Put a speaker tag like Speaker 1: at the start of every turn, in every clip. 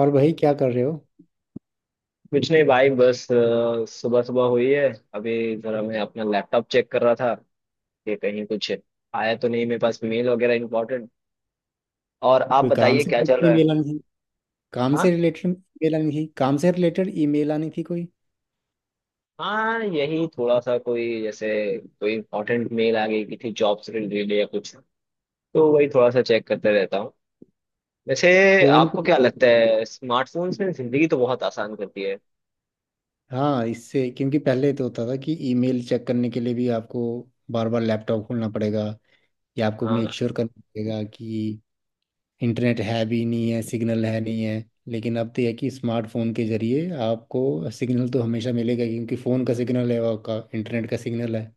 Speaker 1: और भाई, क्या कर रहे हो?
Speaker 2: कुछ नहीं भाई बस सुबह सुबह हुई है। अभी जरा मैं अपना लैपटॉप चेक कर रहा था कि कहीं कुछ आया तो नहीं मेरे पास मेल वगैरह इम्पोर्टेंट। और आप
Speaker 1: कोई काम
Speaker 2: बताइए
Speaker 1: से
Speaker 2: क्या चल
Speaker 1: रिलेटेड
Speaker 2: रहा है?
Speaker 1: ईमेल आनी थी काम
Speaker 2: हाँ।
Speaker 1: से रिलेटेड ईमेल आनी थी कोई।
Speaker 2: हाँ, यही थोड़ा सा कोई जैसे कोई इम्पोर्टेंट मेल आ गई कि थी जॉब से रिलेटेड या कुछ। तो वही थोड़ा सा चेक करते रहता हूँ वैसे।
Speaker 1: फोन
Speaker 2: आपको
Speaker 1: पे?
Speaker 2: क्या लगता है स्मार्टफोन्स ने जिंदगी तो बहुत आसान कर दी है?
Speaker 1: हाँ, इससे क्योंकि पहले तो होता था कि ईमेल चेक करने के लिए भी आपको बार बार लैपटॉप खोलना पड़ेगा, या आपको मेक
Speaker 2: हाँ,
Speaker 1: श्योर करना पड़ेगा कि इंटरनेट है भी नहीं है, सिग्नल है नहीं है। लेकिन अब तो यह है कि स्मार्टफोन के जरिए आपको सिग्नल तो हमेशा मिलेगा, क्योंकि फ़ोन का सिग्नल है और का इंटरनेट का सिग्नल है।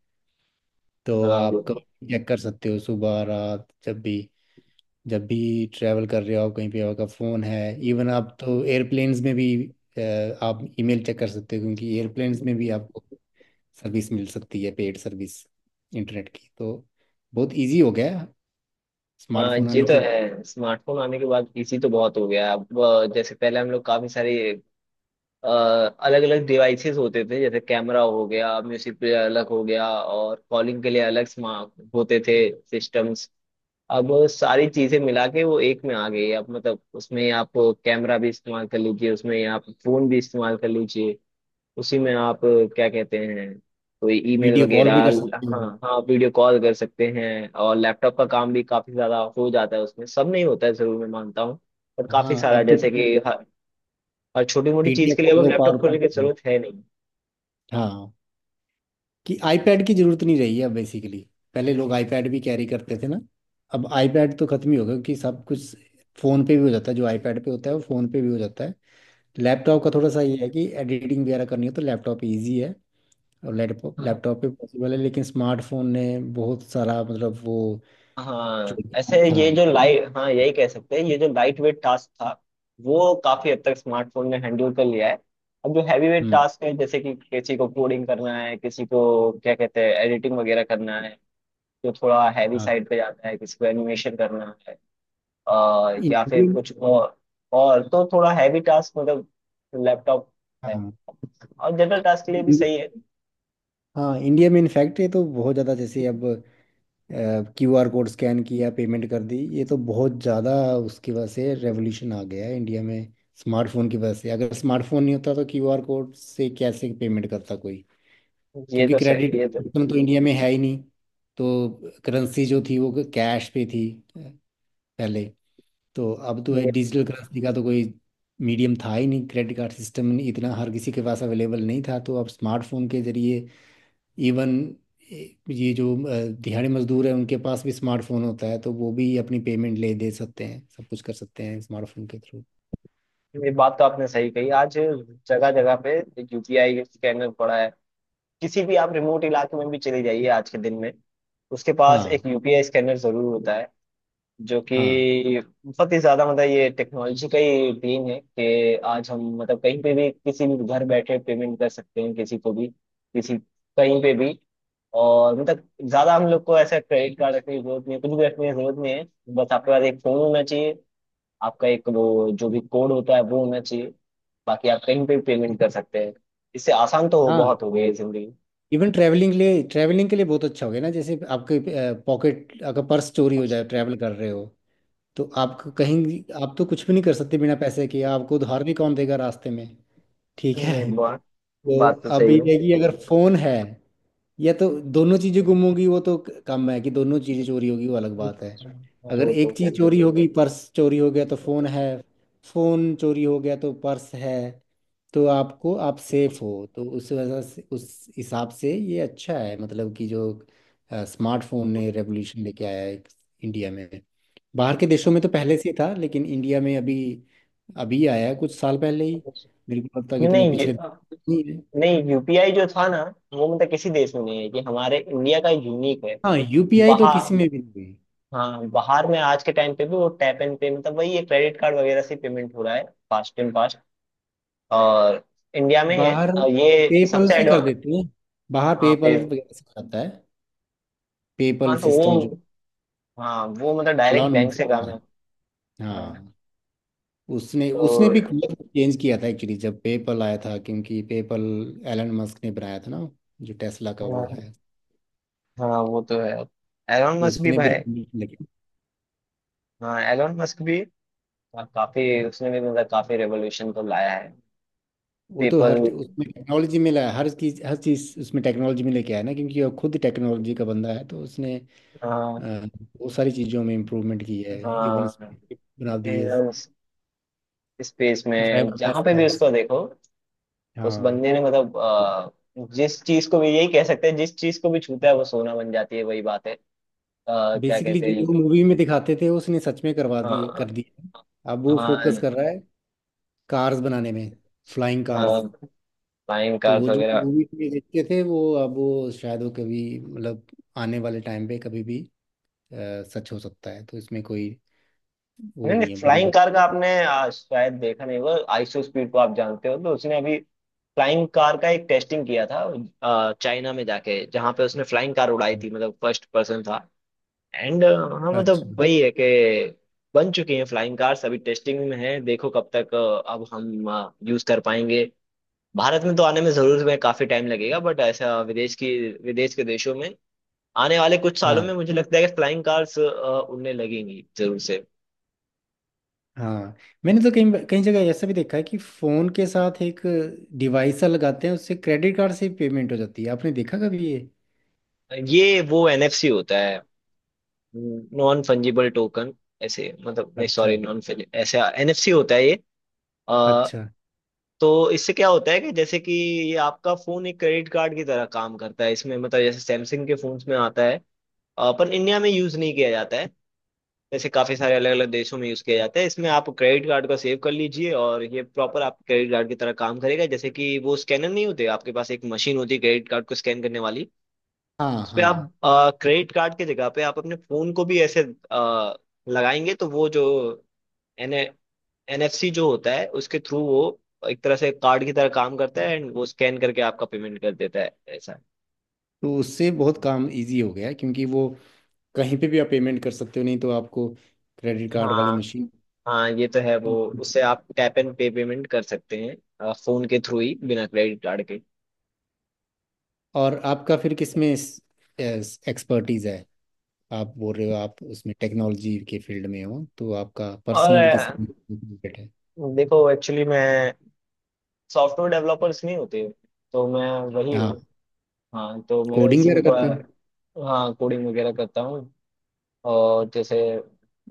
Speaker 1: तो
Speaker 2: हाँ,
Speaker 1: आप कभी चेक कर सकते हो, सुबह रात, जब भी ट्रैवल कर रहे हो, आप कहीं पे आपका फ़ोन है। इवन आप तो एयरप्लेन्स में भी आप ईमेल चेक कर सकते हो, क्योंकि एयरप्लेन्स में भी आपको सर्विस मिल सकती है, पेड सर्विस, इंटरनेट की। तो बहुत इजी हो गया है
Speaker 2: हाँ,
Speaker 1: स्मार्टफोन
Speaker 2: ये
Speaker 1: आने
Speaker 2: तो
Speaker 1: के।
Speaker 2: है। स्मार्टफोन आने के बाद इसी तो बहुत हो गया है। अब जैसे पहले हम लोग काफी सारे अलग अलग डिवाइसेस होते थे जैसे कैमरा हो गया म्यूजिक प्लेयर अलग हो गया और कॉलिंग के लिए अलग स्मार्ट होते थे सिस्टम्स। अब सारी चीजें मिला के वो एक में आ गई है। अब मतलब उसमें आप कैमरा भी इस्तेमाल कर लीजिए उसमें आप फोन भी इस्तेमाल कर लीजिए उसी में आप क्या कहते हैं कोई ईमेल
Speaker 1: वीडियो कॉल
Speaker 2: वगैरह।
Speaker 1: भी कर सकते हो।
Speaker 2: हाँ, हाँ, वीडियो कॉल कर सकते हैं और लैपटॉप का काम भी काफी ज्यादा हो जाता है उसमें सब नहीं होता है जरूर मैं मानता हूँ। पर
Speaker 1: हाँ,
Speaker 2: काफी सारा
Speaker 1: अब तो
Speaker 2: जैसे कि हर छोटी मोटी चीज के
Speaker 1: PDF
Speaker 2: लिए अब
Speaker 1: खोलो,
Speaker 2: लैपटॉप
Speaker 1: पावर
Speaker 2: खोलने की
Speaker 1: पॉइंट।
Speaker 2: जरूरत है नहीं।
Speaker 1: हाँ, कि आईपैड की जरूरत नहीं रही है अब बेसिकली। पहले लोग आईपैड भी कैरी करते थे ना। अब आईपैड तो खत्म ही हो गया, क्योंकि सब कुछ फ़ोन पे भी हो जाता है। जो आईपैड पे होता है वो फ़ोन पे भी हो जाता है। लैपटॉप का थोड़ा सा ये है कि एडिटिंग वगैरह करनी हो तो लैपटॉप इजी है, और लैपटॉप
Speaker 2: हाँ,
Speaker 1: लैपटॉप पे पॉसिबल है। लेकिन स्मार्टफोन ने बहुत सारा मतलब वो जो
Speaker 2: हाँ, ऐसे
Speaker 1: gap था।
Speaker 2: ये जो लाइट, हाँ, यही कह सकते हैं, ये जो लाइट वेट टास्क था वो काफी हद तक स्मार्टफोन ने हैंडल कर लिया है। अब जो हैवी वेट
Speaker 1: हम्म।
Speaker 2: टास्क है जैसे कि किसी को कोडिंग करना है किसी को क्या कहते हैं एडिटिंग वगैरह करना है जो थोड़ा हैवी
Speaker 1: हाँ।
Speaker 2: साइड पे जाता है किसी को एनिमेशन करना है, अ, या फिर
Speaker 1: इंडियन
Speaker 2: कुछ और। और तो थोड़ा हैवी टास्क मतलब लैपटॉप है।
Speaker 1: हाँ।
Speaker 2: और जनरल टास्क के लिए भी
Speaker 1: इंडिया
Speaker 2: सही है।
Speaker 1: हाँ, इंडिया में इनफैक्ट ये तो बहुत ज़्यादा, जैसे अब QR कोड स्कैन किया, पेमेंट कर दी। ये तो बहुत ज़्यादा उसकी वजह से रेवोल्यूशन आ गया है इंडिया में, स्मार्टफोन की वजह से। अगर स्मार्टफोन नहीं होता तो QR कोड से कैसे पेमेंट करता कोई?
Speaker 2: ये
Speaker 1: क्योंकि
Speaker 2: तो
Speaker 1: क्रेडिट
Speaker 2: सही ये तो
Speaker 1: सिस्टम तो इंडिया में है ही नहीं। तो करेंसी जो थी वो कैश पे थी पहले। तो अब तो है,
Speaker 2: ये,
Speaker 1: डिजिटल करेंसी का तो कोई मीडियम था ही नहीं, क्रेडिट कार्ड सिस्टम इतना हर किसी के पास अवेलेबल नहीं था। तो अब स्मार्टफोन के जरिए इवन ये जो दिहाड़ी मजदूर है, उनके पास भी स्मार्टफोन होता है, तो वो भी अपनी पेमेंट ले दे सकते हैं, सब कुछ कर सकते हैं स्मार्टफोन के थ्रू।
Speaker 2: ये बात तो आपने सही कही। आज जगह जगह पे यूपीआई स्कैनर पड़ा है। किसी भी आप रिमोट इलाके में भी चले जाइए आज के दिन में उसके पास एक
Speaker 1: हाँ,
Speaker 2: यूपीआई स्कैनर जरूर होता है जो
Speaker 1: हाँ,
Speaker 2: कि बहुत ही ज्यादा मतलब ये टेक्नोलॉजी का ही देन है कि आज हम मतलब कहीं पे भी किसी भी घर बैठे पेमेंट कर सकते हैं किसी को भी किसी कहीं पे भी। और मतलब ज्यादा हम लोग को ऐसा क्रेडिट कार्ड रखने की जरूरत नहीं है कुछ भी रखने की जरूरत नहीं है। बस आपके पास एक फोन होना चाहिए। आपका एक वो जो भी कोड होता है वो होना चाहिए। बाकी आप कहीं पे भी पेमेंट कर सकते हैं। इससे आसान तो
Speaker 1: हाँ।
Speaker 2: बहुत हो गई है जिंदगी।
Speaker 1: इवन ट्रैवलिंग के लिए बहुत अच्छा हो गया ना, जैसे आपके पॉकेट, अगर पर्स चोरी हो जाए ट्रैवल कर रहे हो, तो आप तो कुछ भी नहीं कर सकते बिना पैसे के, आपको उधार भी कौन देगा रास्ते में? ठीक है
Speaker 2: नहीं, बात
Speaker 1: तो
Speaker 2: बात तो
Speaker 1: अब
Speaker 2: सही
Speaker 1: ये
Speaker 2: है।
Speaker 1: है कि अगर फोन है, या तो दोनों चीजें गुम होगी, वो तो कम है कि दोनों चीजें चोरी होगी, वो अलग बात है। अगर
Speaker 2: वो
Speaker 1: एक
Speaker 2: तो है।
Speaker 1: चीज चोरी होगी, पर्स चोरी हो गया तो फोन है, फोन चोरी हो गया तो पर्स है, तो आपको आप सेफ हो। तो उस वजह से, उस हिसाब से ये अच्छा है, मतलब कि जो स्मार्टफोन ने रेवोल्यूशन लेके आया है इंडिया में। बाहर के देशों में तो पहले से ही था, लेकिन इंडिया में अभी अभी आया है, कुछ साल पहले ही। मेरे को लगता है
Speaker 2: नहीं,
Speaker 1: कितने
Speaker 2: नहीं,
Speaker 1: पिछले नहीं है।
Speaker 2: नहीं, यूपीआई जो था ना वो मतलब किसी देश में नहीं है, ये हमारे इंडिया का यूनिक है।
Speaker 1: हाँ, UPI तो
Speaker 2: बाहर
Speaker 1: किसी में भी नहीं है।
Speaker 2: हाँ, बाहर में आज के टाइम पे भी वो टैप एंड पे मतलब वही है क्रेडिट कार्ड वगैरह से पेमेंट हो रहा है फास्ट एंड फास्ट। और इंडिया में है
Speaker 1: बाहर
Speaker 2: और ये
Speaker 1: पेपल
Speaker 2: सबसे
Speaker 1: से कर
Speaker 2: एडवांस।
Speaker 1: देते हैं, बाहर
Speaker 2: हाँ पे।
Speaker 1: पेपल वगैरह से करता है।
Speaker 2: हाँ
Speaker 1: पेपल
Speaker 2: तो
Speaker 1: सिस्टम जो
Speaker 2: वो। हाँ, वो मतलब डायरेक्ट
Speaker 1: एलॉन
Speaker 2: बैंक
Speaker 1: मस्क
Speaker 2: से
Speaker 1: का
Speaker 2: काम है।
Speaker 1: है।
Speaker 2: हाँ
Speaker 1: हाँ, उसने
Speaker 2: तो।
Speaker 1: उसने भी कलर चेंज किया था एक्चुअली जब पेपल आया था, क्योंकि पेपल एलन मस्क ने बनाया था ना, जो टेस्ला का वो
Speaker 2: हाँ,
Speaker 1: है।
Speaker 2: हाँ, वो तो है। एलोन
Speaker 1: तो
Speaker 2: मस्क भी
Speaker 1: उसने भी
Speaker 2: भाई।
Speaker 1: revolution लेके,
Speaker 2: हाँ, एलोन मस्क भी। हाँ, काफी उसने भी मतलब काफी रेवोल्यूशन तो लाया है।
Speaker 1: वो तो
Speaker 2: पीपल।
Speaker 1: हर उसमें टेक्नोलॉजी में लाया, हर चीज उसमें टेक्नोलॉजी में लेके आया ना, क्योंकि वो खुद टेक्नोलॉजी का बंदा है, तो उसने अ,
Speaker 2: हाँ।
Speaker 1: बहुत सारी चीजों में इम्प्रूवमेंट की है। इवन
Speaker 2: हाँ,
Speaker 1: स्पेसशिप बना दिए,
Speaker 2: स्पेस में जहाँ
Speaker 1: ड्राइवरलेस
Speaker 2: पे भी
Speaker 1: कार्स।
Speaker 2: उसको देखो उस
Speaker 1: हाँ,
Speaker 2: बंदे ने मतलब, जिस चीज को भी यही कह सकते हैं जिस चीज को भी छूता है वो सोना बन जाती है वही बात है। क्या
Speaker 1: बेसिकली
Speaker 2: कहते
Speaker 1: जो
Speaker 2: हैं।
Speaker 1: लोग मूवी में दिखाते थे, उसने सच में करवा दिए,
Speaker 2: हाँ।
Speaker 1: कर दिए। अब वो
Speaker 2: हाँ।
Speaker 1: फोकस कर रहा है कार्स बनाने में, फ्लाइंग
Speaker 2: हाँ,
Speaker 1: कार्स।
Speaker 2: फ्लाइंग
Speaker 1: तो
Speaker 2: कार्स
Speaker 1: वो जो
Speaker 2: वगैरह।
Speaker 1: मूवी में देखते थे, वो अब वो शायद वो कभी मतलब आने वाले टाइम पे कभी भी सच हो सकता है, तो इसमें कोई वो
Speaker 2: नहीं, नहीं,
Speaker 1: नहीं है बड़ी
Speaker 2: फ्लाइंग
Speaker 1: बात।
Speaker 2: कार का आपने शायद देखा नहीं होगा। आईसो स्पीड को आप जानते हो तो उसने अभी फ्लाइंग कार का एक टेस्टिंग किया था। चाइना में जाके जहाँ पे उसने फ्लाइंग कार उड़ाई
Speaker 1: नहीं।
Speaker 2: थी मतलब फर्स्ट पर्सन था। एंड हाँ, मतलब
Speaker 1: अच्छा।
Speaker 2: वही है कि बन चुकी हैं फ्लाइंग कार्स। अभी टेस्टिंग में है। देखो कब तक, अब हम यूज कर पाएंगे। भारत में तो आने में जरूर में काफी टाइम लगेगा बट ऐसा विदेश के देशों में आने वाले कुछ सालों
Speaker 1: हाँ,
Speaker 2: में मुझे लगता है कि फ्लाइंग कार्स उड़ने लगेंगी जरूर से।
Speaker 1: हाँ। मैंने तो कहीं कई जगह ऐसा भी देखा है कि फोन के साथ एक डिवाइस सा लगाते हैं, उससे क्रेडिट कार्ड से पेमेंट हो जाती है। आपने देखा कभी ये?
Speaker 2: ये वो एनएफसी होता है। Non fungible token. ऐसे मतलब नहीं।
Speaker 1: अच्छा,
Speaker 2: सॉरी, नॉन। ऐसे एनएफसी होता है ये। अ,
Speaker 1: अच्छा।
Speaker 2: तो इससे क्या होता है कि जैसे कि ये आपका फोन एक क्रेडिट कार्ड की तरह काम करता है इसमें मतलब जैसे सैमसंग के फोन्स में आता है। पर इंडिया में यूज नहीं किया जाता है। जैसे काफी सारे अलग अलग देशों में यूज किया जाता है। इसमें आप क्रेडिट कार्ड को सेव कर लीजिए और ये प्रॉपर आप क्रेडिट कार्ड की तरह काम करेगा जैसे कि वो स्कैनर नहीं होते आपके पास एक मशीन होती है क्रेडिट कार्ड को स्कैन करने वाली।
Speaker 1: हाँ,
Speaker 2: उस पे आप
Speaker 1: हाँ।
Speaker 2: क्रेडिट कार्ड की जगह पे आप अपने फोन को भी ऐसे अ, लगाएंगे तो वो जो एन एनएफसी जो होता है उसके थ्रू वो एक तरह से कार्ड की तरह काम करता है एंड वो स्कैन करके आपका पेमेंट कर देता है ऐसा है।
Speaker 1: तो उससे बहुत काम इजी हो गया है, क्योंकि वो कहीं पे भी आप पेमेंट कर सकते हो, नहीं तो आपको क्रेडिट कार्ड वाली
Speaker 2: हाँ,
Speaker 1: मशीन।
Speaker 2: हाँ, ये तो है वो। उससे आप टैप एंड पे पेमेंट कर सकते हैं। फोन के थ्रू ही बिना क्रेडिट कार्ड के।
Speaker 1: और आपका फिर किसमें एक्सपर्टीज है? आप बोल रहे हो आप उसमें टेक्नोलॉजी के फील्ड में हो, तो आपका
Speaker 2: और
Speaker 1: पर्सनल किसमें related है?
Speaker 2: देखो एक्चुअली मैं सॉफ्टवेयर डेवलपर्स नहीं होते तो मैं वही हूँ।
Speaker 1: हाँ,
Speaker 2: हाँ, तो मेरा
Speaker 1: कोडिंग
Speaker 2: इसी
Speaker 1: वगैरह
Speaker 2: में थोड़ा।
Speaker 1: करते हो?
Speaker 2: हाँ, कोडिंग वगैरह करता हूँ। और जैसे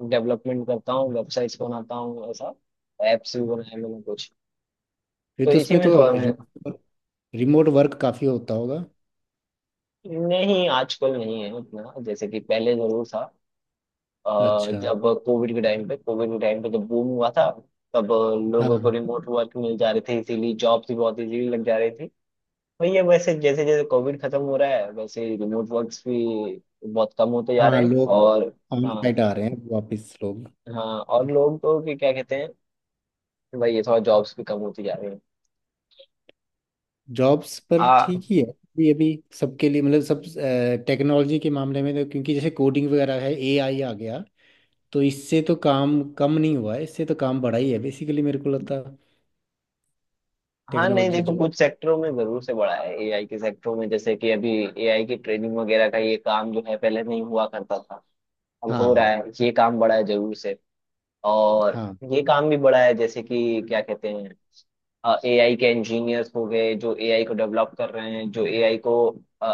Speaker 2: डेवलपमेंट करता हूँ वेबसाइट्स बनाता हूँ ऐसा। एप्स भी बनाए मैंने कुछ।
Speaker 1: फिर
Speaker 2: तो
Speaker 1: तो
Speaker 2: इसी
Speaker 1: उसमें
Speaker 2: में
Speaker 1: तो
Speaker 2: थोड़ा मैं।
Speaker 1: रिमोट वर्क काफी होता होगा।
Speaker 2: नहीं, आजकल नहीं है उतना जैसे कि पहले जरूर था।
Speaker 1: अच्छा।
Speaker 2: जब कोविड के टाइम पे जब बूम हुआ था तब लोगों को
Speaker 1: हाँ,
Speaker 2: रिमोट वर्क मिल जा रहे थे इसीलिए जॉब्स भी बहुत इजीली लग जा रही थी। तो ये वैसे जैसे जैसे कोविड खत्म हो रहा है वैसे रिमोट वर्क्स भी बहुत कम होते जा
Speaker 1: हाँ,
Speaker 2: रहे हैं।
Speaker 1: लोग
Speaker 2: और,
Speaker 1: ऑन
Speaker 2: हाँ।
Speaker 1: साइट आ रहे हैं वापस, लोग।
Speaker 2: हाँ और लोग तो कि क्या कहते हैं, भाई ये थोड़ा जॉब्स भी कम होती जा रही है।
Speaker 1: जॉब्स
Speaker 2: आ,
Speaker 1: पर ठीक ही है अभी अभी, सबके लिए मतलब सब टेक्नोलॉजी के मामले में, तो क्योंकि जैसे कोडिंग वगैरह है, AI आ गया, तो इससे तो काम कम नहीं हुआ है, इससे तो काम बढ़ा ही है बेसिकली, मेरे को लगता
Speaker 2: हाँ, नहीं
Speaker 1: टेक्नोलॉजी
Speaker 2: देखो
Speaker 1: जो।
Speaker 2: कुछ सेक्टरों में जरूर से बढ़ा है एआई के सेक्टरों में जैसे कि अभी एआई की ट्रेनिंग वगैरह का ये काम जो है पहले नहीं हुआ करता था अब हो रहा
Speaker 1: हाँ,
Speaker 2: है ये काम बढ़ा है जरूर से। और
Speaker 1: हाँ,
Speaker 2: ये काम भी बढ़ा है जैसे कि क्या कहते हैं एआई के इंजीनियर्स हो गए जो एआई को डेवलप कर रहे हैं जो एआई को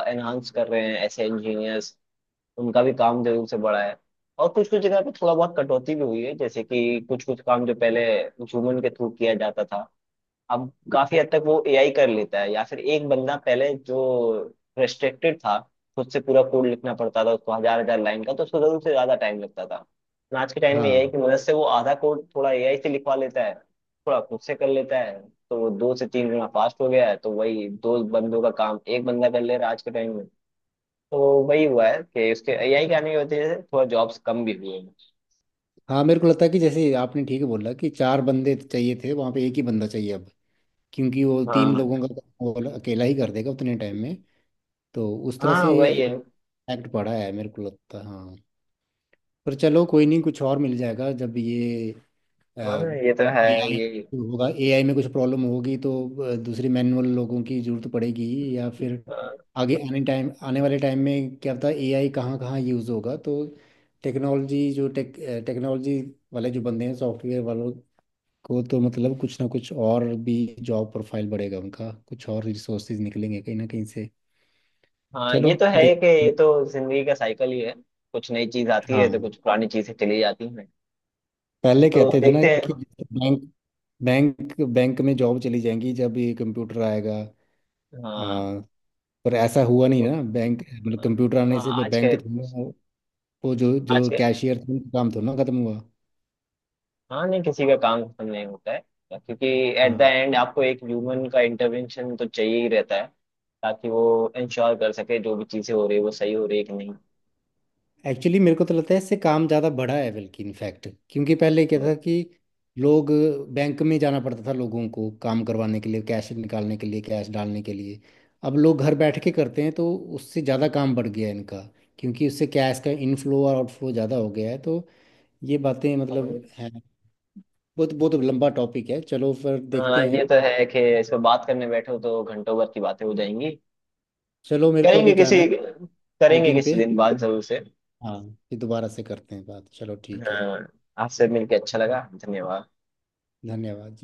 Speaker 2: एनहांस कर रहे हैं ऐसे इंजीनियर्स उनका भी काम जरूर से बढ़ा है। और कुछ कुछ जगह पे थोड़ा बहुत कटौती भी हुई है जैसे कि कुछ कुछ काम जो पहले ह्यूमन के थ्रू किया जाता था अब काफी हद तक वो एआई कर लेता है या फिर एक बंदा पहले जो रेस्ट्रिक्टेड था खुद से पूरा कोड लिखना पड़ता था उसको हजार हजार लाइन का तो उसको जरूर से ज्यादा टाइम लगता था लेकिन आज के टाइम में
Speaker 1: हाँ,
Speaker 2: एआई की मदद से वो आधा कोड थोड़ा एआई से लिखवा लेता है थोड़ा खुद से कर लेता है। तो वो दो से तीन गुना फास्ट हो गया है तो वही दो बंदों का काम एक बंदा कर ले रहा है आज के टाइम में। तो वही हुआ है कि उसके एआई के आने की वजह से थोड़ा जॉब्स कम भी हुए हैं।
Speaker 1: हाँ, मेरे को लगता है कि जैसे आपने ठीक बोला कि चार बंदे चाहिए थे वहाँ पे, एक ही बंदा चाहिए अब, क्योंकि वो तीन
Speaker 2: हाँ,
Speaker 1: लोगों का काम वो वाला अकेला ही कर देगा उतने टाइम में। तो उस तरह
Speaker 2: हाँ
Speaker 1: से
Speaker 2: वही है।
Speaker 1: एक्ट पड़ा है, मेरे को लगता है। हाँ, पर चलो, कोई नहीं, कुछ और मिल जाएगा जब ये
Speaker 2: हाँ, ये तो है।
Speaker 1: AI
Speaker 2: ये।
Speaker 1: होगा, AI में कुछ प्रॉब्लम होगी तो दूसरे मैनुअल लोगों की जरूरत पड़ेगी, या फिर
Speaker 2: हाँ।
Speaker 1: आगे आने वाले टाइम में क्या पता AI कहाँ कहाँ यूज़ होगा। तो टेक्नोलॉजी जो टेक टेक्नोलॉजी वाले जो बंदे हैं, सॉफ्टवेयर वालों को तो मतलब कुछ ना कुछ और भी जॉब प्रोफाइल बढ़ेगा उनका, कुछ और रिसोर्सेज निकलेंगे कहीं ना कहीं से।
Speaker 2: हाँ,
Speaker 1: चलो।
Speaker 2: ये तो है
Speaker 1: देख।
Speaker 2: कि ये तो जिंदगी का साइकिल ही है। कुछ नई चीज आती है तो
Speaker 1: हाँ,
Speaker 2: कुछ पुरानी चीजें चली जाती हैं।
Speaker 1: पहले
Speaker 2: तो
Speaker 1: कहते थे ना
Speaker 2: देखते हैं।
Speaker 1: कि बैंक बैंक बैंक में जॉब चली जाएंगी जब ये कंप्यूटर आएगा,
Speaker 2: हाँ,
Speaker 1: पर ऐसा हुआ नहीं ना। बैंक मतलब कंप्यूटर आने
Speaker 2: हाँ।
Speaker 1: से भी बैंक थोड़ा वो जो
Speaker 2: आज
Speaker 1: जो
Speaker 2: के
Speaker 1: कैशियर थे उनका काम थोड़ा ना खत्म हुआ।
Speaker 2: हाँ, नहीं किसी का काम खत्म नहीं होता है क्योंकि एट द
Speaker 1: हाँ,
Speaker 2: एंड आपको एक ह्यूमन का इंटरवेंशन तो चाहिए ही रहता है ताकि वो इंश्योर कर सके जो भी चीजें हो रही है वो सही हो रही है कि नहीं।
Speaker 1: एक्चुअली मेरे को तो लगता है इससे काम ज़्यादा बढ़ा है बल्कि इनफैक्ट, क्योंकि पहले क्या था कि लोग बैंक में जाना पड़ता था लोगों को, काम करवाने के लिए, कैश निकालने के लिए, कैश डालने के लिए। अब लोग घर बैठ के करते हैं, तो उससे ज़्यादा काम बढ़ गया है इनका, क्योंकि उससे कैश का इनफ्लो और आउटफ्लो ज़्यादा हो गया है। तो ये बातें मतलब हैं, बहुत बहुत लंबा टॉपिक है, चलो फिर देखते
Speaker 2: हाँ, ये
Speaker 1: हैं।
Speaker 2: तो है कि इस पर बात करने बैठो तो घंटों भर की बातें हो जाएंगी।
Speaker 1: चलो, मेरे को अभी
Speaker 2: करेंगे किसी
Speaker 1: जाना है
Speaker 2: करेंगे
Speaker 1: मीटिंग
Speaker 2: किसी
Speaker 1: पे।
Speaker 2: दिन बात जरूर से।
Speaker 1: हाँ, फिर दोबारा से करते हैं बात, चलो ठीक है।
Speaker 2: हाँ, आपसे मिलके अच्छा लगा। धन्यवाद।
Speaker 1: धन्यवाद।